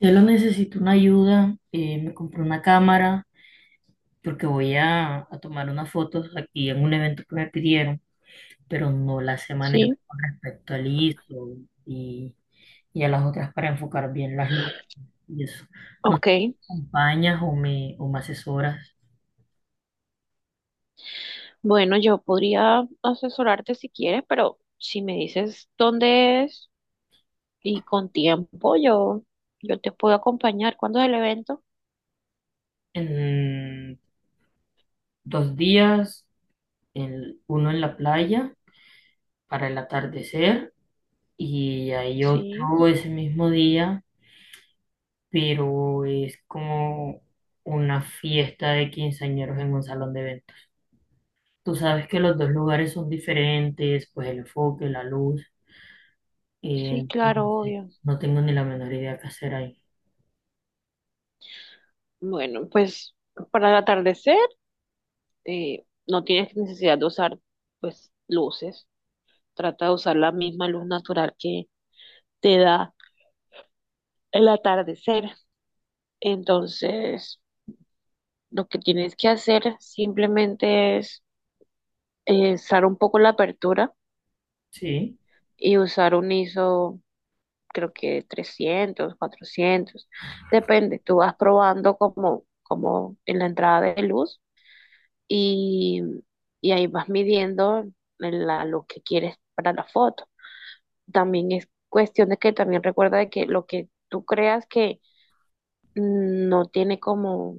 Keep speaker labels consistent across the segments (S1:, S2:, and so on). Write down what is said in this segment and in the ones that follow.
S1: Yo lo necesito una ayuda, me compré una cámara porque voy a tomar unas fotos aquí en un evento que me pidieron, pero no las sé manejar
S2: Sí,
S1: con respecto al ISO y, y a las otras para enfocar bien las luces y eso. ¿No sé si
S2: ok.
S1: me acompañas o me asesoras?
S2: Bueno, yo podría asesorarte si quieres, pero si me dices dónde es y con tiempo, yo te puedo acompañar. ¿Cuándo es el evento?
S1: En 2 días, uno en la playa para el atardecer y hay
S2: Sí,
S1: otro ese mismo día, pero es como una fiesta de quinceañeros en un salón de eventos. Tú sabes que los dos lugares son diferentes, pues el enfoque, la luz. eh,
S2: sí, claro,
S1: entonces
S2: obvio.
S1: no tengo ni la menor idea qué hacer ahí.
S2: Bueno, pues para el atardecer no tienes necesidad de usar pues luces. Trata de usar la misma luz natural que te da el atardecer. Entonces, lo que tienes que hacer simplemente es zar un poco la apertura
S1: Sí,
S2: y usar un ISO, creo que 300 400 depende, tú vas probando como en la entrada de luz y, y ahí vas midiendo lo que quieres para la foto. También es cuestión de que también recuerda de que lo que tú creas que no tiene como,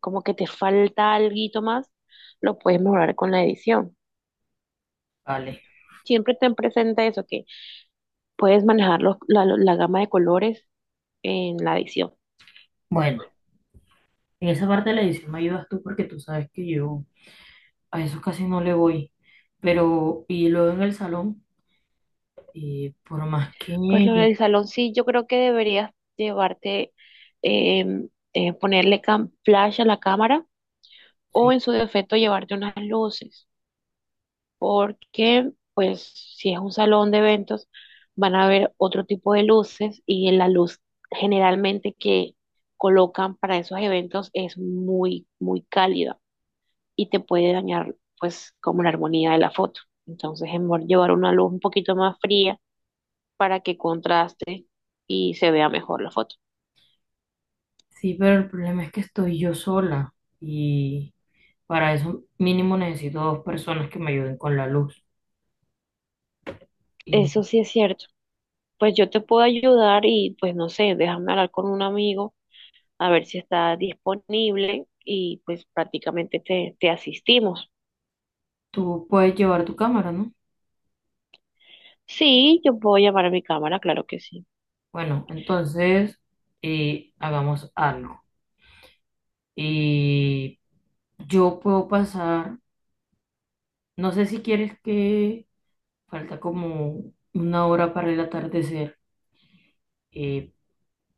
S2: como que te falta algo más, lo puedes mejorar con la edición.
S1: vale.
S2: Siempre ten presente eso, que puedes manejar la gama de colores en la edición.
S1: Bueno, en esa parte de la edición me ayudas tú porque tú sabes que yo a eso casi no le voy, pero y luego en el salón, por más
S2: Pues lo
S1: que...
S2: del salón sí, yo creo que deberías llevarte, ponerle flash a la cámara o
S1: Sí,
S2: en su defecto llevarte unas luces, porque pues si es un salón de eventos van a haber otro tipo de luces y la luz generalmente que colocan para esos eventos es muy, muy cálida y te puede dañar pues como la armonía de la foto. Entonces es mejor llevar una luz un poquito más fría para que contraste y se vea mejor la foto.
S1: sí, pero el problema es que estoy yo sola y para eso mínimo necesito dos personas que me ayuden con la luz. Y
S2: Eso sí es cierto. Pues yo te puedo ayudar y pues no sé, déjame hablar con un amigo a ver si está disponible y pues prácticamente te asistimos.
S1: tú puedes llevar tu cámara, ¿no?
S2: Sí, yo puedo llamar a mi cámara, claro que sí.
S1: Bueno, entonces hagamos algo. Y yo puedo pasar, no sé si quieres que falta como una hora para el atardecer, eh,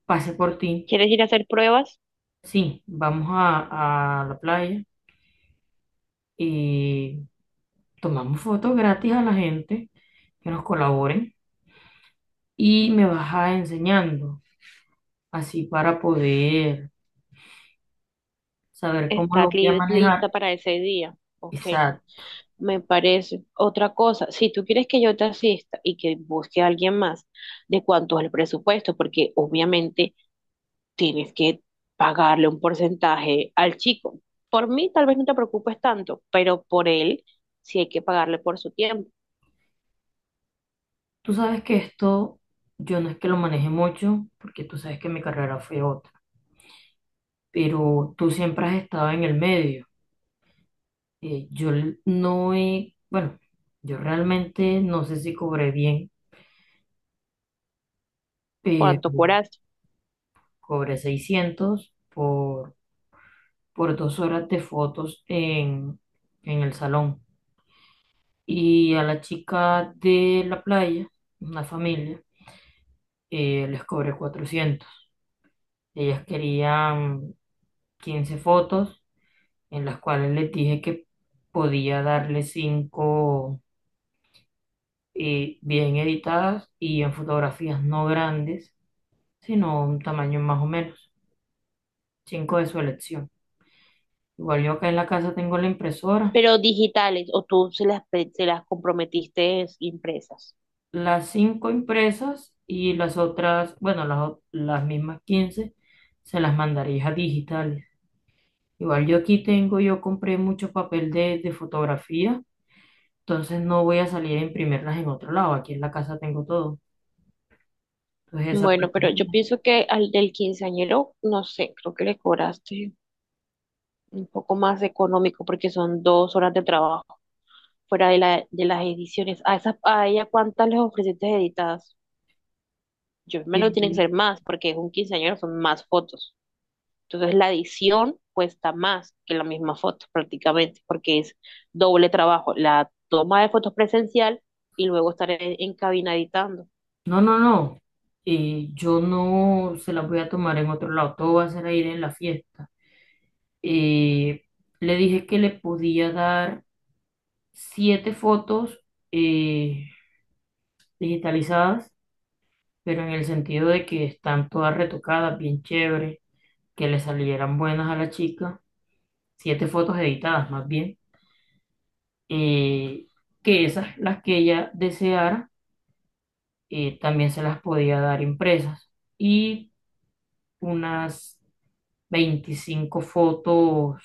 S1: pase por ti.
S2: ¿Quieres ir a hacer pruebas?
S1: Sí, vamos a la playa y tomamos fotos gratis a la gente que nos colaboren y me vas a enseñando, así para poder saber cómo
S2: Estar
S1: lo voy a manejar.
S2: lista para ese día. Ok,
S1: Exacto.
S2: me parece. Otra cosa, si tú quieres que yo te asista y que busque a alguien más, ¿de cuánto es el presupuesto? Porque obviamente tienes que pagarle un porcentaje al chico. Por mí tal vez no te preocupes tanto, pero por él sí hay que pagarle por su tiempo,
S1: Tú sabes que esto yo no es que lo maneje mucho, porque tú sabes que mi carrera fue otra, pero tú siempre has estado en el medio. No he, bueno, yo realmente no sé si cobré bien,
S2: cuánto
S1: pero
S2: curaste.
S1: cobré 600 por 2 horas de fotos en el salón. Y a la chica de la playa, una familia, les cobré 400. Ellas querían 15 fotos, en las cuales les dije que podía darle cinco, bien editadas y en fotografías no grandes, sino un tamaño más o menos, 5 de su elección. Igual yo acá en la casa tengo la impresora,
S2: Pero digitales o tú se las comprometiste impresas.
S1: las 5 impresas y las otras, bueno, las mismas 15 se las mandaría a digitales. Igual yo aquí tengo, yo compré mucho papel de fotografía, entonces no voy a salir a imprimirlas en otro lado, aquí en la casa tengo todo. Entonces esa parte
S2: Bueno, pero
S1: es
S2: yo
S1: mía.
S2: pienso que al del quinceañero, no sé, creo que le cobraste un poco más económico porque son 2 horas de trabajo fuera de las ediciones. ¿A ella cuántas les ofreciste editadas? Yo me lo tienen que
S1: Y-
S2: ser más porque es un quinceañero, son más fotos. Entonces la edición cuesta más que la misma foto prácticamente, porque es doble trabajo, la toma de fotos presencial y luego estar en cabina editando.
S1: No, no, no, yo no se las voy a tomar en otro lado, todo va a ser a ir en la fiesta. Eh, Le dije que le podía dar siete fotos, eh, digitalizadas, pero en el sentido de que están todas retocadas, bien chévere, que le salieran buenas a la chica. Siete fotos editadas más bien, eh, que esas, las que ella deseara, también se las podía dar impresas. Y unas 25 fotos,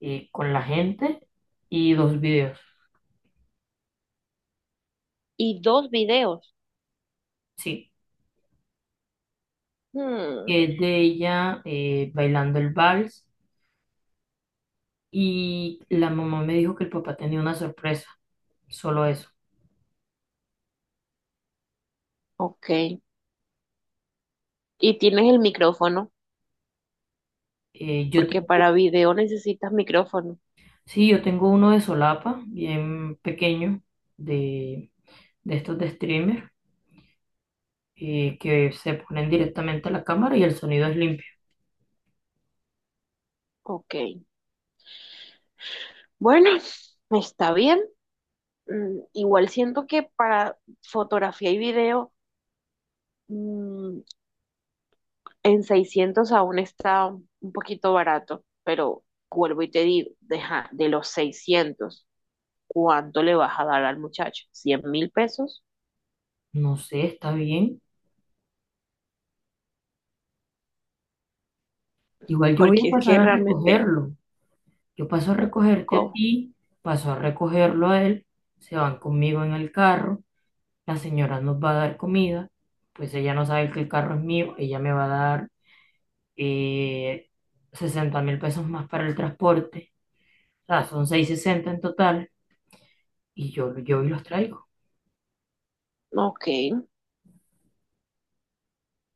S1: con la gente y dos videos.
S2: Y dos videos.
S1: Sí,
S2: Hmm,
S1: que es de ella, bailando el vals. Y la mamá me dijo que el papá tenía una sorpresa, solo eso.
S2: ok. Y tienes el micrófono,
S1: Yo
S2: porque
S1: tengo,
S2: para video necesitas micrófono.
S1: sí, yo tengo uno de solapa, bien pequeño, de, de estos de streamer, que se ponen directamente a la cámara y el sonido es limpio.
S2: Ok. Bueno, está bien. Igual siento que para fotografía y video mm, en 600 aún está un poquito barato, pero vuelvo y te digo, deja, de los 600, ¿cuánto le vas a dar al muchacho? ¿100.000 pesos?
S1: No sé, está bien. Igual yo voy a
S2: Porque es
S1: pasar
S2: que
S1: a
S2: realmente,
S1: recogerlo. Yo paso a recogerte a
S2: ¿cómo?
S1: ti, paso a recogerlo a él, se van conmigo en el carro, la señora nos va a dar comida, pues ella no sabe que el carro es mío, ella me va a dar, eh, 60 mil pesos más para el transporte, o sea, son 660 en total, y yo y los traigo.
S2: Ok,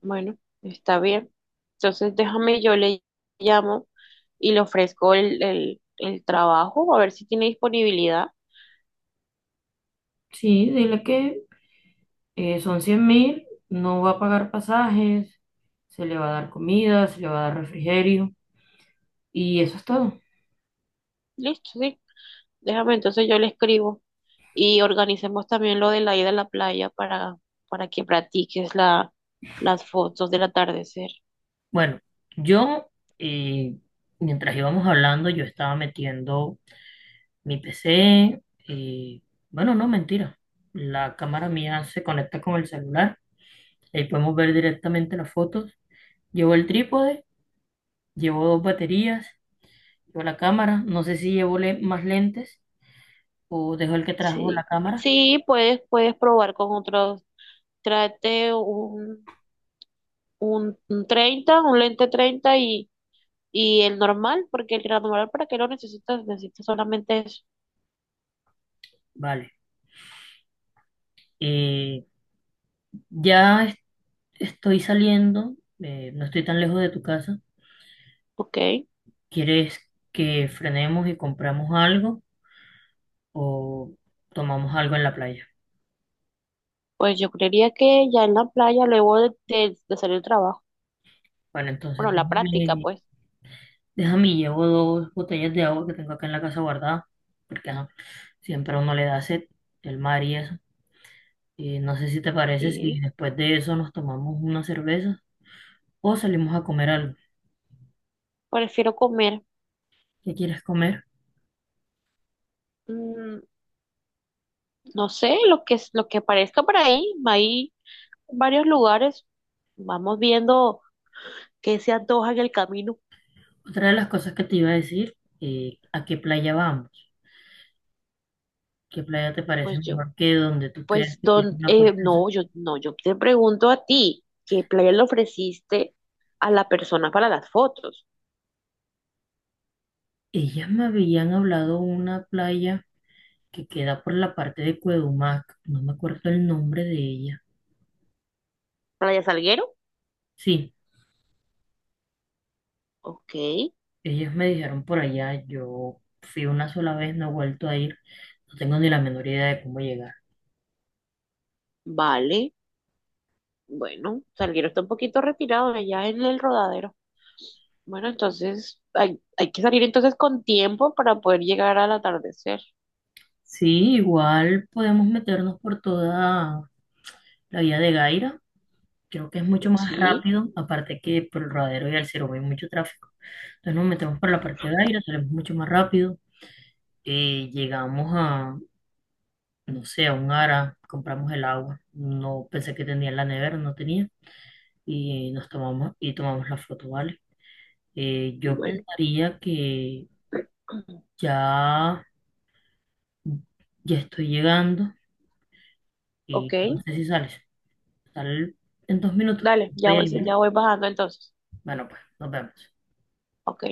S2: bueno, está bien. Entonces déjame, yo le llamo y le ofrezco el trabajo, a ver si tiene disponibilidad.
S1: Sí, dile que son 100.000, no va a pagar pasajes, se le va a dar comida, se le va a dar refrigerio y eso es todo.
S2: Listo, sí. Déjame, entonces yo le escribo y organicemos también lo de la ida a la playa para que practiques las fotos del atardecer.
S1: Bueno, yo, eh, mientras íbamos hablando, yo estaba metiendo mi PC. eh, bueno, no, mentira. La cámara mía se conecta con el celular. Ahí podemos ver directamente las fotos. Llevo el trípode, llevo dos baterías, llevo la cámara. No sé si llevo más lentes o dejo el que trajo la
S2: Sí,
S1: cámara.
S2: sí, puedes probar con otros. Trate un 30, un lente 30 y el normal, porque el normal, ¿para qué lo necesitas? Necesitas solamente eso.
S1: Vale. Eh, Ya es- Estoy saliendo, no estoy tan lejos de tu casa.
S2: Ok,
S1: ¿Quieres que frenemos y compramos algo o tomamos algo en la playa?
S2: pues yo creería que ya en la playa, luego de salir del trabajo,
S1: Bueno, entonces
S2: bueno, la práctica,
S1: déjame,
S2: pues,
S1: déjame, llevo dos botellas de agua que tengo acá en la casa guardada, porque ajá, siempre a uno le da sed, el mar y eso. Y no sé si te parece
S2: sí,
S1: si después de eso nos tomamos una cerveza o salimos a comer algo.
S2: prefiero comer.
S1: ¿Qué quieres comer?
S2: Mm, No sé, lo que aparezca por ahí, hay varios lugares, vamos viendo qué se antoja en el camino.
S1: Otra de las cosas que te iba a decir, ¿a qué playa vamos? ¿Qué playa te parece
S2: Pues
S1: mejor que donde tú creas que tienes una puesta en sol?
S2: no, yo no, yo te pregunto a ti, ¿qué playa le ofreciste a la persona para las fotos?
S1: Ellas me habían hablado una playa que queda por la parte de Cuedumac. No me acuerdo el nombre de ella.
S2: ¿Playa Salguero?
S1: Sí,
S2: Ok,
S1: ellas me dijeron por allá. Yo fui una sola vez, no he vuelto a ir. No tengo ni la menor idea de cómo llegar.
S2: vale, bueno, Salguero está un poquito retirado de allá en el Rodadero. Bueno, entonces hay que salir entonces con tiempo para poder llegar al atardecer.
S1: Sí, igual podemos meternos por toda la vía de Gaira. Creo que es mucho más
S2: Sí,
S1: rápido, aparte que por el Rodadero y Alcero hay mucho tráfico. Entonces nos metemos por la parte de Gaira, salimos mucho más rápido. Y llegamos a, no sé, a un Ara, compramos el agua. No pensé que tenía en la nevera, no tenía. Y nos tomamos y tomamos la foto, ¿vale? Yo
S2: bueno,
S1: pensaría que ya, ya estoy llegando
S2: ok.
S1: y no sé si sales. Sal en 2 minutos.
S2: Dale,
S1: Estoy ahí, ¿vale?
S2: ya voy bajando entonces.
S1: Bueno, pues nos vemos.
S2: Ok.